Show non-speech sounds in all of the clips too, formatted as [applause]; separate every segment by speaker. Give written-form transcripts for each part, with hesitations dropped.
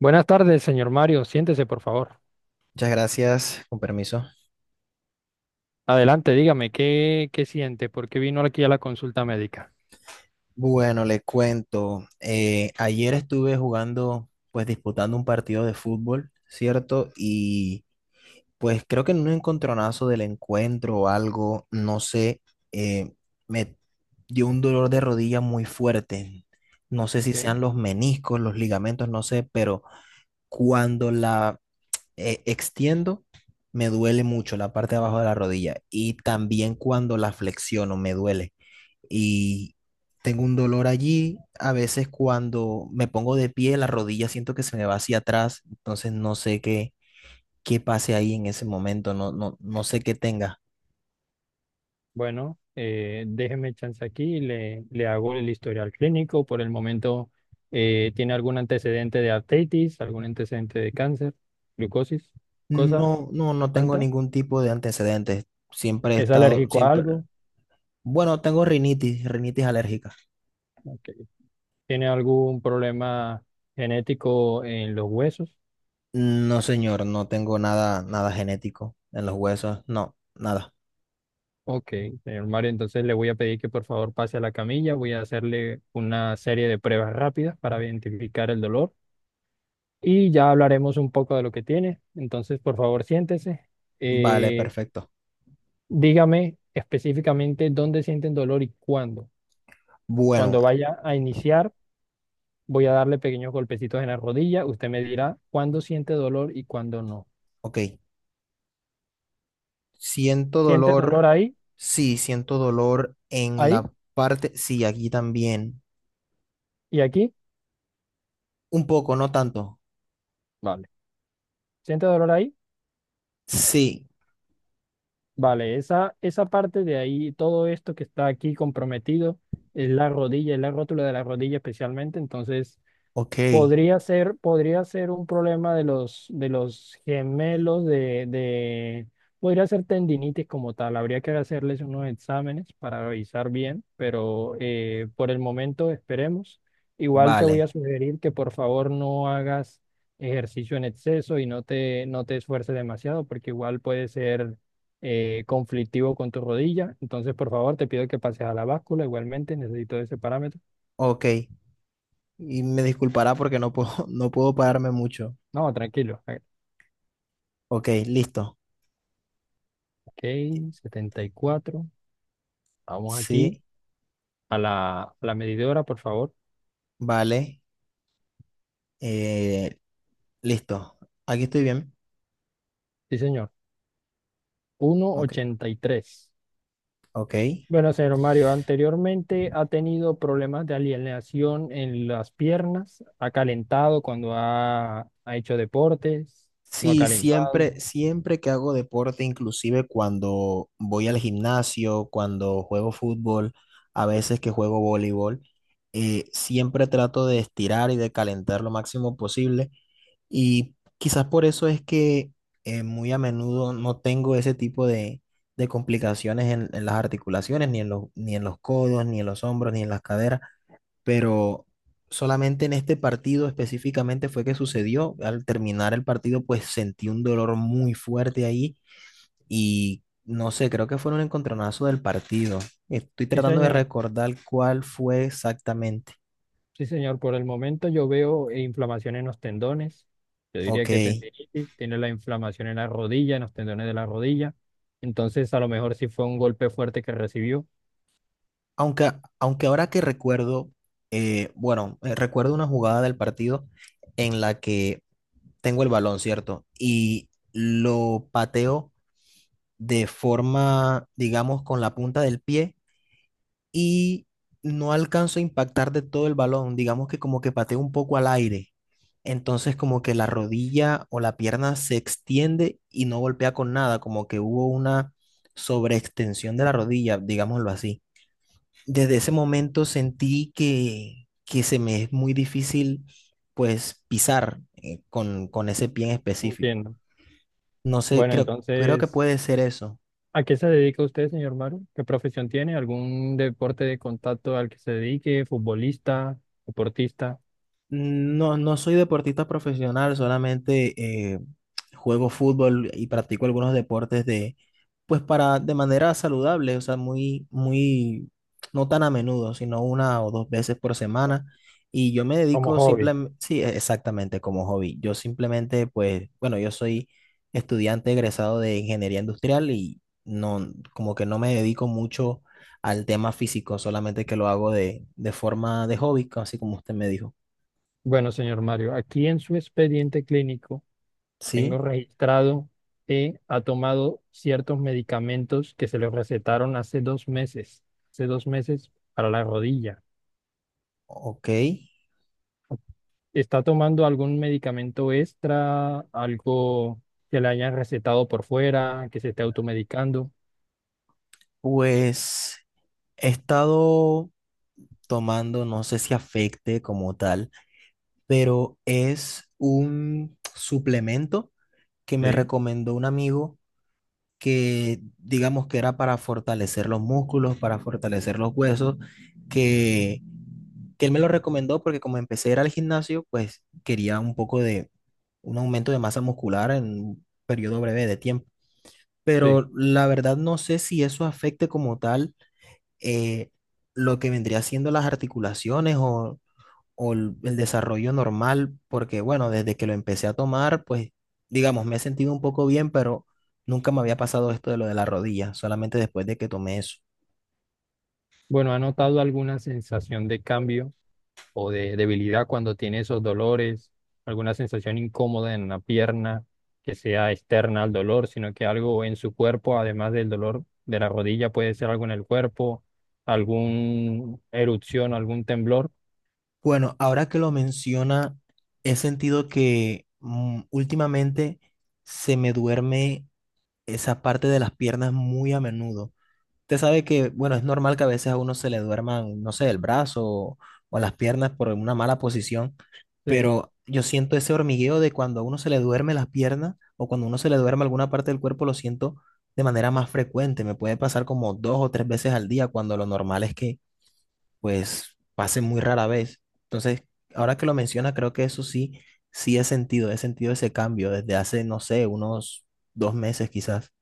Speaker 1: Buenas tardes, señor Mario. Siéntese, por favor.
Speaker 2: Muchas gracias, con permiso.
Speaker 1: Adelante, dígame, ¿qué siente? ¿Por qué vino aquí a la consulta médica?
Speaker 2: Bueno, le cuento. Ayer estuve jugando, pues disputando un partido de fútbol, ¿cierto? Y pues creo que en un encontronazo del encuentro o algo, no sé, eh, me dio un dolor de rodilla muy fuerte. No sé si
Speaker 1: Ok.
Speaker 2: sean los meniscos, los ligamentos, no sé, pero cuando la extiendo, me duele mucho la parte de abajo de la rodilla. Y también cuando la flexiono, me duele. Y tengo un dolor allí. A veces cuando me pongo de pie, la rodilla siento que se me va hacia atrás, entonces no sé qué, qué pase ahí en ese momento, no, no, no sé qué tenga.
Speaker 1: Bueno, déjeme chance aquí, le hago el historial clínico. Por el momento, ¿tiene algún antecedente de artritis, algún antecedente de cáncer, glucosis, cosa
Speaker 2: No, no, no tengo
Speaker 1: alta?
Speaker 2: ningún tipo de antecedentes. Siempre he
Speaker 1: ¿Es
Speaker 2: estado,
Speaker 1: alérgico a
Speaker 2: siempre,
Speaker 1: algo?
Speaker 2: bueno, tengo rinitis, rinitis alérgica.
Speaker 1: Ok. ¿Tiene algún problema genético en los huesos?
Speaker 2: No, señor, no tengo nada, nada genético en los huesos, no, nada.
Speaker 1: Ok, señor Mario, entonces le voy a pedir que por favor pase a la camilla, voy a hacerle una serie de pruebas rápidas para identificar el dolor y ya hablaremos un poco de lo que tiene. Entonces, por favor, siéntese.
Speaker 2: Vale,
Speaker 1: Eh,
Speaker 2: perfecto.
Speaker 1: Dígame específicamente dónde sienten dolor y cuándo.
Speaker 2: Bueno,
Speaker 1: Cuando vaya a iniciar, voy a darle pequeños golpecitos en la rodilla. Usted me dirá cuándo siente dolor y cuándo no.
Speaker 2: ok. Siento
Speaker 1: ¿Siente
Speaker 2: dolor,
Speaker 1: dolor ahí,
Speaker 2: sí, siento dolor en
Speaker 1: ahí
Speaker 2: la parte, sí, aquí también.
Speaker 1: y aquí?
Speaker 2: Un poco, no tanto.
Speaker 1: Vale. ¿Siente dolor ahí?
Speaker 2: Sí,
Speaker 1: Vale, esa parte de ahí, todo esto que está aquí comprometido, es la rodilla, es la rótula de la rodilla especialmente. Entonces,
Speaker 2: ok,
Speaker 1: podría ser un problema de los gemelos, podría ser tendinitis como tal. Habría que hacerles unos exámenes para revisar bien, pero por el momento esperemos. Igual te voy a
Speaker 2: vale,
Speaker 1: sugerir que por favor no hagas ejercicio en exceso y no te esfuerces demasiado, porque igual puede ser conflictivo con tu rodilla. Entonces, por favor, te pido que pases a la báscula. Igualmente necesito ese parámetro.
Speaker 2: ok. Y me disculpará porque no puedo, [laughs] no puedo pararme mucho.
Speaker 1: No, tranquilo.
Speaker 2: Ok, listo.
Speaker 1: Ok, 74. Vamos aquí
Speaker 2: Sí,
Speaker 1: a la medidora, por favor.
Speaker 2: vale, eh, listo. Aquí estoy bien.
Speaker 1: Sí, señor. Uno coma
Speaker 2: Ok,
Speaker 1: ochenta y tres.
Speaker 2: ok.
Speaker 1: Bueno, señor Mario, anteriormente ha tenido problemas de alienación en las piernas. Ha calentado cuando ha hecho deportes. No ha
Speaker 2: Sí, siempre,
Speaker 1: calentado.
Speaker 2: siempre que hago deporte, inclusive cuando voy al gimnasio, cuando juego fútbol, a veces que juego voleibol, siempre trato de estirar y de calentar lo máximo posible. Y quizás por eso es que muy a menudo no tengo ese tipo de complicaciones en las articulaciones, ni en los, ni en los codos, ni en los hombros, ni en las caderas, pero solamente en este partido específicamente fue que sucedió. Al terminar el partido, pues sentí un dolor muy fuerte ahí y no sé, creo que fue un encontronazo del partido. Estoy
Speaker 1: Sí,
Speaker 2: tratando de
Speaker 1: señor.
Speaker 2: recordar cuál fue exactamente.
Speaker 1: Sí, señor. Por el momento yo veo inflamación en los tendones. Yo diría
Speaker 2: Ok,
Speaker 1: que tendinitis. Tiene la inflamación en la rodilla, en los tendones de la rodilla. Entonces, a lo mejor sí fue un golpe fuerte que recibió.
Speaker 2: aunque, aunque ahora que recuerdo, bueno, recuerdo una jugada del partido en la que tengo el balón, ¿cierto? Y lo pateo de forma, digamos, con la punta del pie y no alcanzo a impactar de todo el balón, digamos que como que pateo un poco al aire. Entonces como que la rodilla o la pierna se extiende y no golpea con nada, como que hubo una sobreextensión de la rodilla, digámoslo así. Desde ese momento sentí que se me es muy difícil pues pisar con ese pie en específico.
Speaker 1: Entiendo.
Speaker 2: No sé,
Speaker 1: Bueno,
Speaker 2: creo, creo que
Speaker 1: entonces,
Speaker 2: puede ser eso.
Speaker 1: ¿a qué se dedica usted, señor Maru? ¿Qué profesión tiene? ¿Algún deporte de contacto al que se dedique? ¿Futbolista? ¿Deportista?
Speaker 2: No, no soy deportista profesional, solamente juego fútbol y practico algunos deportes de, pues para, de manera saludable, o sea, muy, muy, no tan a menudo, sino una o dos veces por semana. Y yo me
Speaker 1: Como
Speaker 2: dedico
Speaker 1: hobby.
Speaker 2: simplemente, sí, e- exactamente como hobby. Yo simplemente, pues, bueno, yo soy estudiante egresado de ingeniería industrial y no, como que no me dedico mucho al tema físico, solamente que lo hago de forma de hobby, así como usted me dijo.
Speaker 1: Bueno, señor Mario, aquí en su expediente clínico tengo
Speaker 2: Sí,
Speaker 1: registrado que ha tomado ciertos medicamentos que se le recetaron hace dos meses para la rodilla.
Speaker 2: ok.
Speaker 1: ¿Está tomando algún medicamento extra, algo que le hayan recetado por fuera, que se esté automedicando?
Speaker 2: Pues he estado tomando, no sé si afecte como tal, pero es un suplemento que me
Speaker 1: Sí.
Speaker 2: recomendó un amigo que digamos que era para fortalecer los músculos, para fortalecer los huesos, que, que él me lo recomendó porque como empecé a ir al gimnasio, pues quería un poco de un aumento de masa muscular en un periodo breve de tiempo.
Speaker 1: Sí.
Speaker 2: Pero la verdad no sé si eso afecte como tal eh, lo que vendría siendo las articulaciones o el desarrollo normal, porque bueno, desde que lo empecé a tomar, pues digamos, me he sentido un poco bien, pero nunca me había pasado esto de lo de la rodilla, solamente después de que tomé eso.
Speaker 1: Bueno, ¿ha notado alguna sensación de cambio o de debilidad cuando tiene esos dolores? ¿Alguna sensación incómoda en la pierna que sea externa al dolor, sino que algo en su cuerpo, además del dolor de la rodilla, puede ser algo en el cuerpo, alguna erupción, algún temblor?
Speaker 2: Bueno, ahora que lo menciona, he sentido que últimamente se me duerme esa parte de las piernas muy a menudo. Usted sabe que, bueno, es normal que a veces a uno se le duerman, no sé, el brazo o las piernas por una mala posición,
Speaker 1: Sí.
Speaker 2: pero yo siento ese hormigueo de cuando a uno se le duerme las piernas o cuando a uno se le duerme alguna parte del cuerpo, lo siento de manera más frecuente. Me puede pasar como dos o tres veces al día cuando lo normal es que, pues, pase muy rara vez. Entonces, ahora que lo menciona, creo que eso sí, sí he sentido ese cambio desde hace, no sé, unos 2 meses quizás.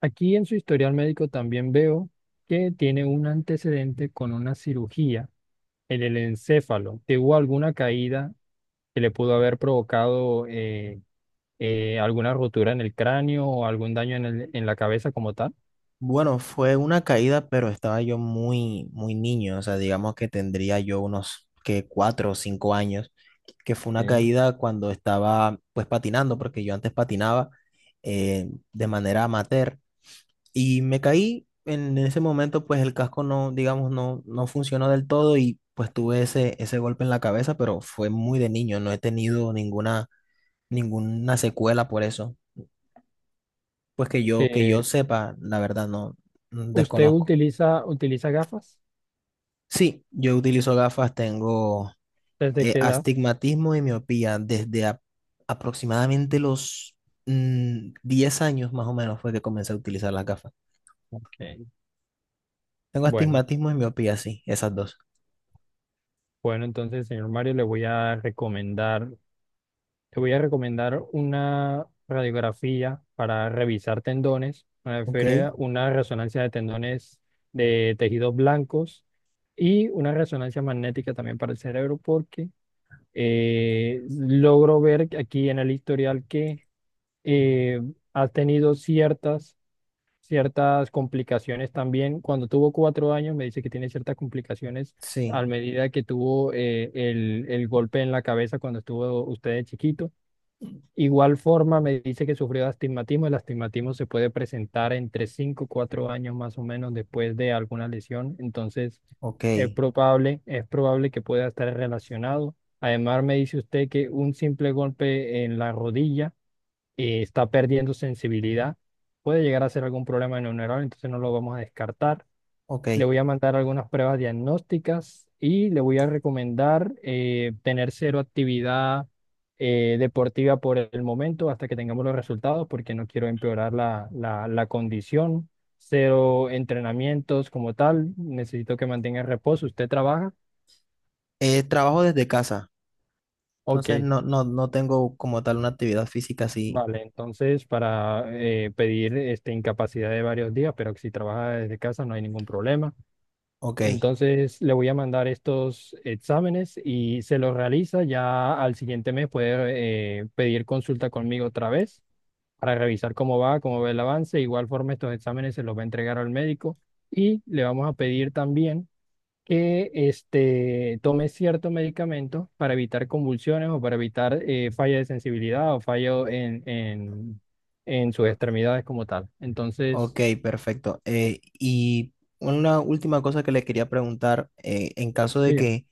Speaker 1: Aquí en su historial médico también veo que tiene un antecedente con una cirugía en el encéfalo. ¿Tuvo alguna caída que le pudo haber provocado alguna rotura en el cráneo o algún daño en la cabeza como tal?
Speaker 2: Bueno, fue una caída, pero estaba yo muy, muy niño, o sea, digamos que tendría yo unos que 4 o 5 años, que fue una
Speaker 1: Ok.
Speaker 2: caída cuando estaba pues patinando, porque yo antes patinaba de manera amateur y me caí en ese momento, pues el casco no, digamos, no, no funcionó del todo y pues tuve ese, ese golpe en la cabeza, pero fue muy de niño, no he tenido ninguna, ninguna secuela por eso, pues que yo
Speaker 1: Eh,
Speaker 2: sepa, la verdad, no,
Speaker 1: ¿Usted
Speaker 2: desconozco.
Speaker 1: utiliza gafas?
Speaker 2: Sí, yo utilizo gafas, tengo
Speaker 1: ¿Desde qué edad?
Speaker 2: astigmatismo y miopía desde aproximadamente los 10 años más o menos fue que comencé a utilizar las gafas.
Speaker 1: Ok.
Speaker 2: Tengo
Speaker 1: Bueno,
Speaker 2: astigmatismo y miopía, sí, esas dos.
Speaker 1: bueno, entonces, señor Mario, le voy a recomendar una radiografía para revisar tendones,
Speaker 2: Ok,
Speaker 1: una resonancia de tendones de tejidos blancos y una resonancia magnética también para el cerebro, porque logro ver aquí en el historial que eh, ha tenido ciertas complicaciones también. Cuando tuvo 4 años, me dice que tiene ciertas complicaciones a
Speaker 2: sí,
Speaker 1: medida que tuvo el golpe en la cabeza cuando estuvo usted de chiquito. Igual forma, me dice que sufrió de astigmatismo. El astigmatismo se puede presentar entre 5 o 4 años más o menos después de alguna lesión. Entonces,
Speaker 2: ok,
Speaker 1: es probable que pueda estar relacionado. Además, me dice usted que un simple golpe en la rodilla y está perdiendo sensibilidad, puede llegar a ser algún problema neuronal, entonces no lo vamos a descartar.
Speaker 2: ok.
Speaker 1: Le voy a mandar algunas pruebas diagnósticas y le voy a recomendar tener cero actividad deportiva por el momento hasta que tengamos los resultados, porque no quiero empeorar la condición. Cero entrenamientos como tal, necesito que mantenga reposo. ¿Usted trabaja?
Speaker 2: Trabajo desde casa,
Speaker 1: Ok.
Speaker 2: entonces no, no, no tengo como tal una actividad física así.
Speaker 1: Vale, entonces para pedir este, incapacidad de varios días, pero que si trabaja desde casa no hay ningún problema.
Speaker 2: Ok,
Speaker 1: Entonces le voy a mandar estos exámenes y se los realiza. Ya al siguiente mes puede pedir consulta conmigo otra vez para revisar cómo va el avance. De igual forma, estos exámenes se los va a entregar al médico y le vamos a pedir también que este, tome cierto medicamento para evitar convulsiones o para evitar falla de sensibilidad o fallo en sus
Speaker 2: ok.
Speaker 1: extremidades como tal. Entonces,
Speaker 2: Ok, perfecto. Y una última cosa que le quería preguntar, en caso de
Speaker 1: diga,
Speaker 2: que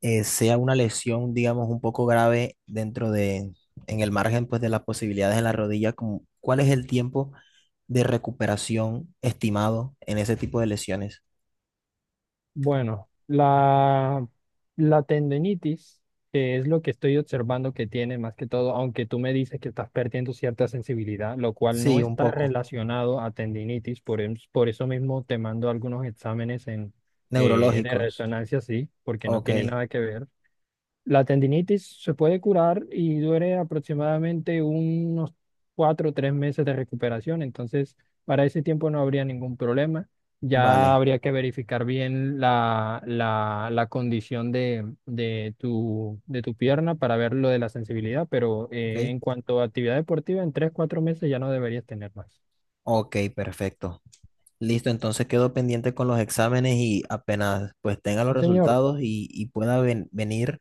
Speaker 2: sea una lesión, digamos, un poco grave dentro de, en el margen, pues, de las posibilidades en la rodilla, como, ¿cuál es el tiempo de recuperación estimado en ese tipo de lesiones?
Speaker 1: bueno, la tendinitis, que es lo que estoy observando que tiene más que todo, aunque tú me dices que estás perdiendo cierta sensibilidad, lo cual no
Speaker 2: Sí, un
Speaker 1: está
Speaker 2: poco.
Speaker 1: relacionado a tendinitis, por eso mismo te mando algunos exámenes de
Speaker 2: Neurológicos.
Speaker 1: resonancia, sí, porque no
Speaker 2: Ok,
Speaker 1: tiene nada que ver. La tendinitis se puede curar y dure aproximadamente unos 4 o 3 meses de recuperación, entonces para ese tiempo no habría ningún problema. Ya
Speaker 2: vale.
Speaker 1: habría que verificar bien la condición de tu pierna para ver lo de la sensibilidad, pero
Speaker 2: Ok,
Speaker 1: en cuanto a actividad deportiva, en 3, 4 meses ya no deberías tener más.
Speaker 2: ok, perfecto. Listo, entonces quedo pendiente con los exámenes y apenas pues tenga los
Speaker 1: Sí, señor.
Speaker 2: resultados y pueda venir,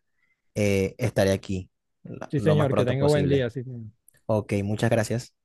Speaker 2: estaré aquí
Speaker 1: Sí,
Speaker 2: lo más
Speaker 1: señor. Que
Speaker 2: pronto
Speaker 1: tenga buen
Speaker 2: posible.
Speaker 1: día. Sí, señor.
Speaker 2: Ok, muchas gracias.